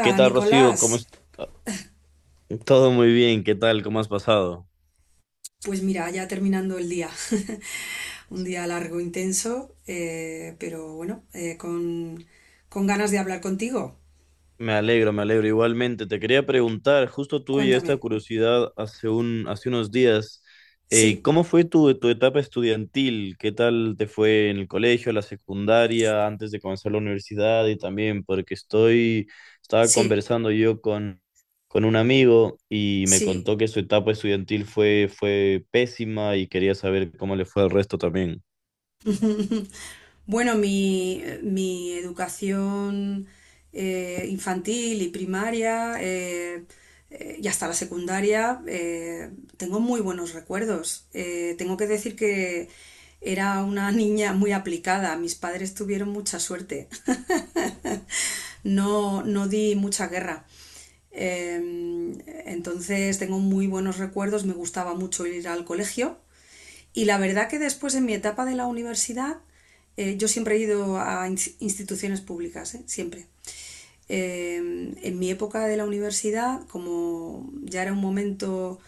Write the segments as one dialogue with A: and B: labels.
A: ¿Qué tal, Rocío?
B: Nicolás.
A: Todo muy bien, ¿qué tal? ¿Cómo has pasado?
B: Pues mira, ya terminando el día. Un día largo, intenso, pero bueno, con ganas de hablar contigo.
A: Me alegro igualmente. Te quería preguntar, justo tuve esta
B: Cuéntame.
A: curiosidad hace unos días,
B: Sí,
A: ¿cómo fue tu etapa estudiantil? ¿Qué tal te fue en el colegio, la secundaria, antes de comenzar la universidad? Y también estaba
B: sí,
A: conversando con un amigo y me
B: sí.
A: contó que su etapa estudiantil fue pésima y quería saber cómo le fue al resto también.
B: Bueno, mi educación infantil y primaria y hasta la secundaria tengo muy buenos recuerdos. Tengo que decir que era una niña muy aplicada. Mis padres tuvieron mucha suerte. No, no di mucha guerra. Em, entonces tengo muy buenos recuerdos. Me gustaba mucho ir al colegio. Y la verdad que después en mi etapa de la universidad, yo siempre he ido a instituciones públicas, ¿eh? Siempre. Eh, en mi época de la universidad, como ya era un momento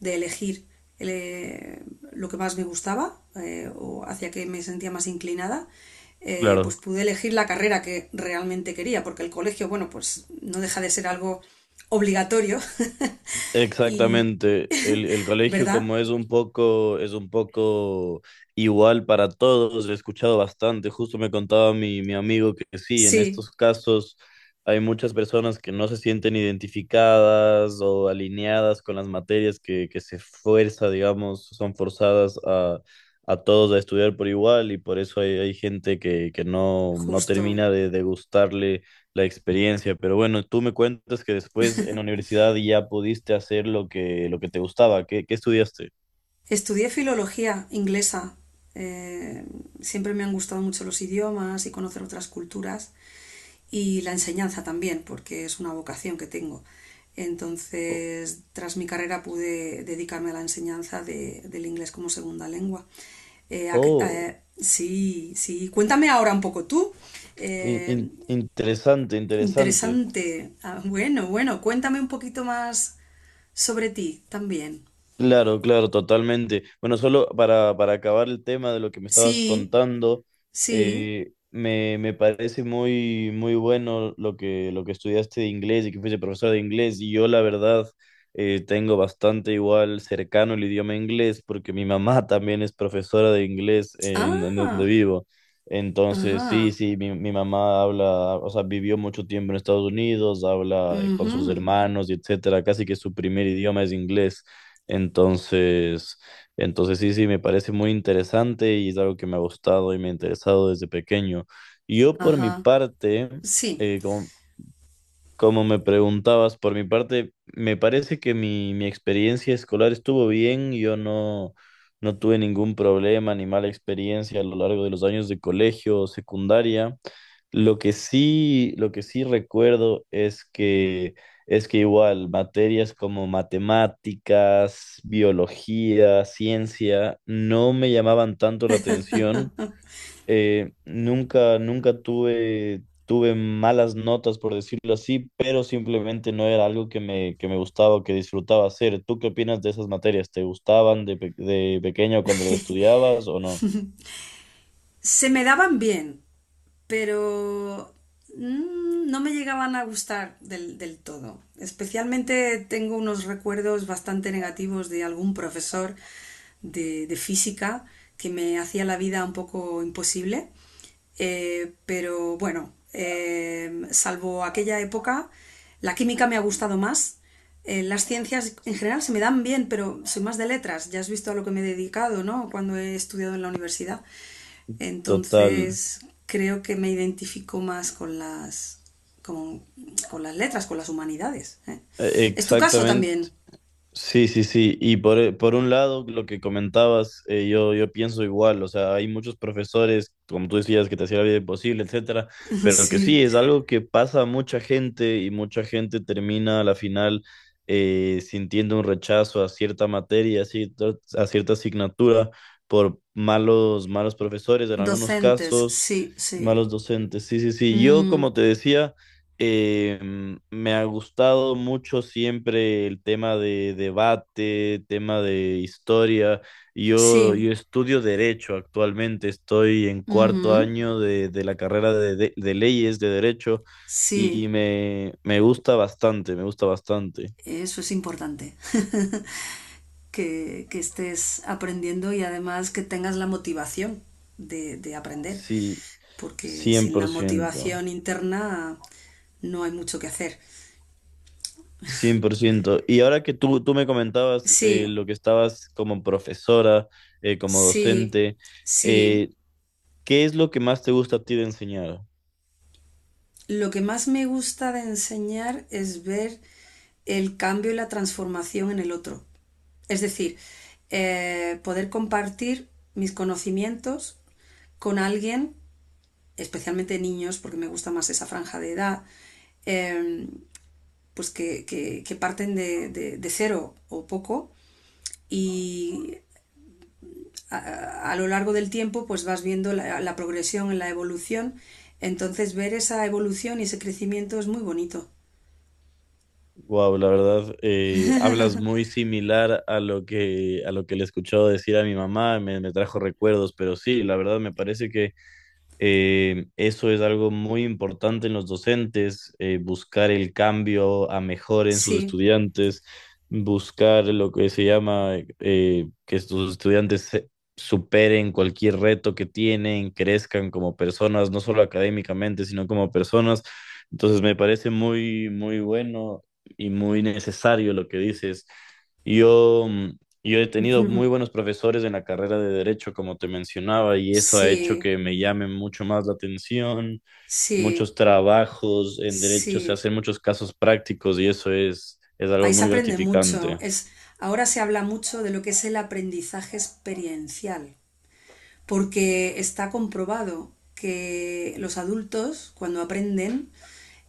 B: de elegir el, eh, lo que más me gustaba o hacia que me sentía más inclinada, pues
A: Claro.
B: pude elegir la carrera que realmente quería, porque el colegio, bueno, pues no deja de ser algo obligatorio, y,
A: Exactamente, el colegio
B: ¿verdad?
A: como es un poco igual para todos, he escuchado bastante, justo me contaba mi amigo que sí, en
B: Sí,
A: estos casos hay muchas personas que no se sienten identificadas o alineadas con las materias que se fuerza, digamos, son forzadas a todos a estudiar por igual y por eso hay gente que no, no
B: justo.
A: termina de gustarle la experiencia, pero bueno, tú me cuentas que después en la universidad ya pudiste hacer lo que te gustaba. ¿Qué, qué estudiaste?
B: Estudié filología inglesa. eh, Siempre me han gustado mucho los idiomas y conocer otras culturas y la enseñanza también, porque es una vocación que tengo.
A: Oh,
B: Entonces, tras mi carrera pude dedicarme a la enseñanza de- del inglés como segunda lengua. Eh,
A: oh,
B: sí, sí. Cuéntame ahora un poco tú. Eh,
A: interesante, interesante.
B: interesante. Ah, bueno, bueno, cuéntame un poquito más sobre ti también.
A: Claro, claro, totalmente. Bueno, solo para acabar el tema de lo que me estabas
B: Sí,
A: contando,
B: sí.
A: me parece muy bueno lo que estudiaste de inglés y que fuiste profesor de inglés. Y yo, la verdad, tengo bastante igual cercano el idioma inglés porque mi mamá también es profesora de inglés en donde
B: Ah.
A: vivo. Entonces, sí,
B: Ajá.
A: sí, mi mamá habla, o sea, vivió mucho tiempo en Estados Unidos, habla con sus
B: Ujú.
A: hermanos y etcétera. Casi que su primer idioma es inglés. Entonces, entonces sí, sí, me parece muy interesante y es algo que me ha gustado y me ha interesado desde pequeño. Yo por mi
B: Ajá.
A: parte,
B: Sí.
A: eh, como- como me preguntabas, por mi parte, me parece que mi experiencia escolar estuvo bien. Yo no, no tuve ningún problema ni mala experiencia a lo largo de los años de colegio o secundaria. Lo que sí recuerdo es que igual materias como matemáticas, biología, ciencia, no me llamaban tanto la atención nunca tuve malas notas, por decirlo así, pero simplemente no era algo que me gustaba o que disfrutaba hacer. ¿Tú qué opinas de esas materias? ¿Te gustaban de pequeño cuando las estudiabas o no?
B: Se me daban bien. Pero no me llegaban a gustar del todo. Especialmente tengo unos recuerdos bastante negativos de algún profesor de física que me hacía la vida un poco imposible. Pero bueno, salvo aquella época, la química me ha gustado más. Las ciencias en general se me dan bien, pero soy más de letras. Ya has visto a lo que me he dedicado, ¿no? Cuando he estudiado en la universidad.
A: Total,
B: Entonces creo que me identifico más con con, con las letras, con las humanidades. ¿Eh?
A: e-
B: ¿Es tu caso
A: exactamente.
B: también?
A: Sí, sí, sí. Por un lado, lo que comentabas, yo pienso igual. O sea, hay muchos profesores, como tú decías, que te hacían la vida imposible, etcétera. Pero que
B: Sí.
A: sí, es algo que pasa a mucha gente y mucha gente termina a la final sintiendo un rechazo a cierta materia, a cierta asignatura, por malos profesores en algunos
B: Docentes,
A: casos,
B: sí, sí.
A: malos docentes. Sí, sí, sí. Yo,
B: Mm,
A: como te decía. Me ha gustado mucho siempre el tema de debate, tema de historia.
B: sí.
A: Yo estudio derecho actualmente, estoy en cuarto
B: Ujú.
A: año de la carrera de leyes de derecho
B: Sí.
A: y me gusta bastante, me gusta bastante.
B: Eso es importante, que estés aprendiendo y además que tengas la motivación de aprender,
A: Sí,
B: porque
A: cien cien
B: sin la
A: por ciento
B: motivación interna no hay mucho que hacer.
A: 100%. Y ahora que tú me comentabas
B: Sí,
A: lo que estabas como profesora, como
B: sí,
A: docente.
B: sí.
A: Eh, ¿Qué es lo que más te gusta a ti de enseñar?
B: Lo que más me gusta de enseñar es ver el cambio y la transformación en el otro. Es decir, poder compartir mis conocimientos con alguien, especialmente niños, porque me gusta más esa franja de edad, eh, pues que, que parten de, de cero o poco y lo largo del tiempo pues vas viendo la progresión, en la evolución. Entonces ver esa evolución y ese crecimiento es muy bonito.
A: Wow, la verdad, hablas muy similar a lo que le he escuchado decir a mi mamá, me trajo recuerdos, pero sí, la verdad me parece que eso es algo muy importante en los docentes, buscar el cambio a mejor en sus
B: Sí,
A: estudiantes, buscar lo que se llama que sus estudiantes superen cualquier reto que tienen, crezcan como personas, no solo académicamente, sino como personas. Entonces me parece muy, muy bueno y muy necesario lo que dices. Yo. Mm, y Yo he tenido muy buenos profesores en la carrera de derecho, como te mencionaba, y eso ha hecho
B: sí,
A: que me llame mucho más la atención.
B: sí,
A: Muchos trabajos en derecho se
B: sí.
A: hacen muchos casos prácticos y eso es algo
B: Ahí se
A: muy
B: aprende mucho.
A: gratificante.
B: Es, ahora se habla mucho de lo que es el aprendizaje experiencial, porque está comprobado que los adultos, cuando aprenden,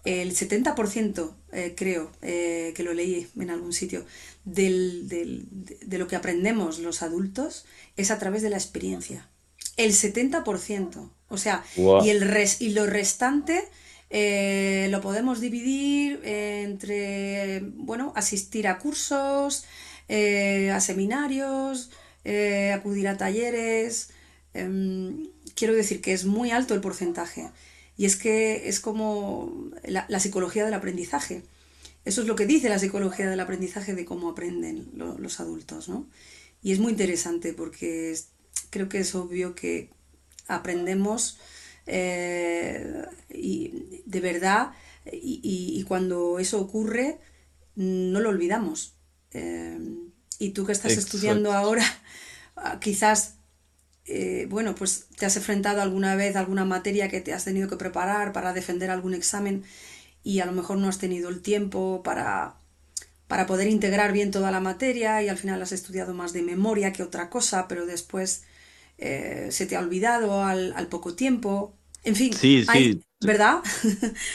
B: el 70%, creo que lo leí en algún sitio, de lo que aprendemos los adultos es a través de la experiencia. El 70%. O sea,
A: Wow.
B: y lo restante lo podemos dividir entre, bueno, asistir a cursos, a seminarios, acudir a talleres, quiero decir que es muy alto el porcentaje. Y es que es como psicología del aprendizaje. Eso es lo que dice la psicología del aprendizaje de cómo aprenden los adultos, ¿no? Y es muy interesante porque es, creo que es obvio que aprendemos eh, de verdad, cuando eso ocurre no lo olvidamos. Eh, y tú que estás estudiando
A: Exacto.
B: ahora, quizás, bueno, pues te has enfrentado alguna vez a alguna materia que te has tenido que preparar para defender algún examen y a lo mejor no has tenido el tiempo para poder integrar bien toda la materia y al final has estudiado más de memoria que otra cosa, pero después se te ha olvidado al poco tiempo. En fin,
A: Sí,
B: hay,
A: sí,
B: ¿verdad?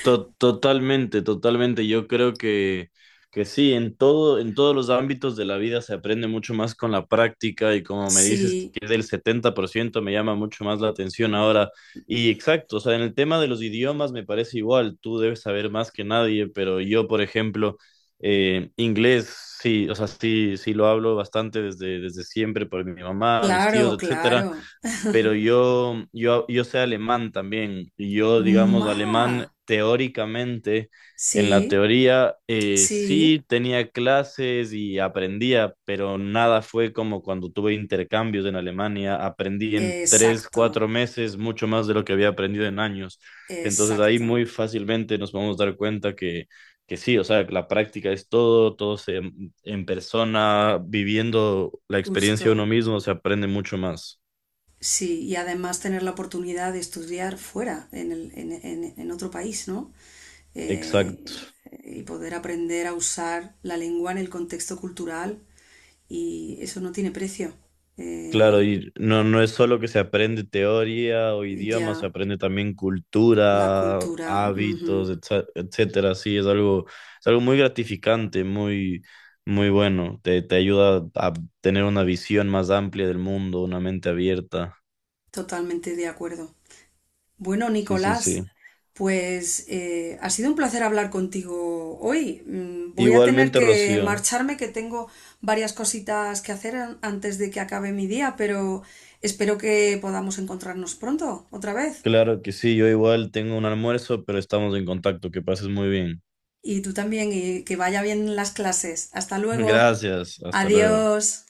A: to- totalmente, totalmente. Yo creo que sí, en todo, en todos los ámbitos de la vida se aprende mucho más con la práctica y como me dices
B: Sí,
A: que es del 70% me llama mucho más la atención ahora. Y exacto, o sea, en el tema de los idiomas me parece igual, tú debes saber más que nadie, pero yo, por ejemplo, inglés, sí, o sea, sí, sí lo hablo bastante desde siempre por mi mamá, mis
B: claro,
A: tíos, etc.
B: claro.
A: Pero yo sé alemán también, y yo, digamos,
B: Ma,
A: alemán teóricamente, en la
B: sí,
A: teoría,
B: sí,
A: sí tenía clases y aprendía, pero nada fue como cuando tuve intercambios en Alemania, aprendí en tres,
B: exacto,
A: cuatro meses mucho más de lo que había aprendido en años. Entonces ahí
B: exacto,
A: muy fácilmente nos podemos dar cuenta que sí, o sea, la práctica es todo, en persona, viviendo la experiencia uno
B: justo.
A: mismo, se aprende mucho más.
B: Sí, y además tener la oportunidad de estudiar fuera, en, en otro país, ¿no? Eh,
A: Exacto.
B: y poder aprender a usar la lengua en el contexto cultural y eso no tiene precio.
A: Claro,
B: Eh,
A: y no, no es solo que se aprende teoría o idioma, se
B: ya,
A: aprende también
B: la
A: cultura,
B: cultura, ujú,
A: hábitos, etcétera. Sí, es algo muy gratificante, muy, muy bueno. Te ayuda a tener una visión más amplia del mundo, una mente abierta.
B: totalmente de acuerdo. Bueno,
A: Sí, sí,
B: Nicolás,
A: sí.
B: pues ha sido un placer hablar contigo hoy. Mm, voy a tener
A: Igualmente,
B: que
A: Rocío.
B: marcharme, que tengo varias cositas que hacer an- antes de que acabe mi día, pero espero que podamos encontrarnos pronto, otra vez.
A: Claro que sí, yo igual tengo un almuerzo, pero estamos en contacto. Que pases muy bien.
B: Y tú también, y que vaya bien las clases. Hasta luego.
A: Gracias, hasta luego.
B: Adiós.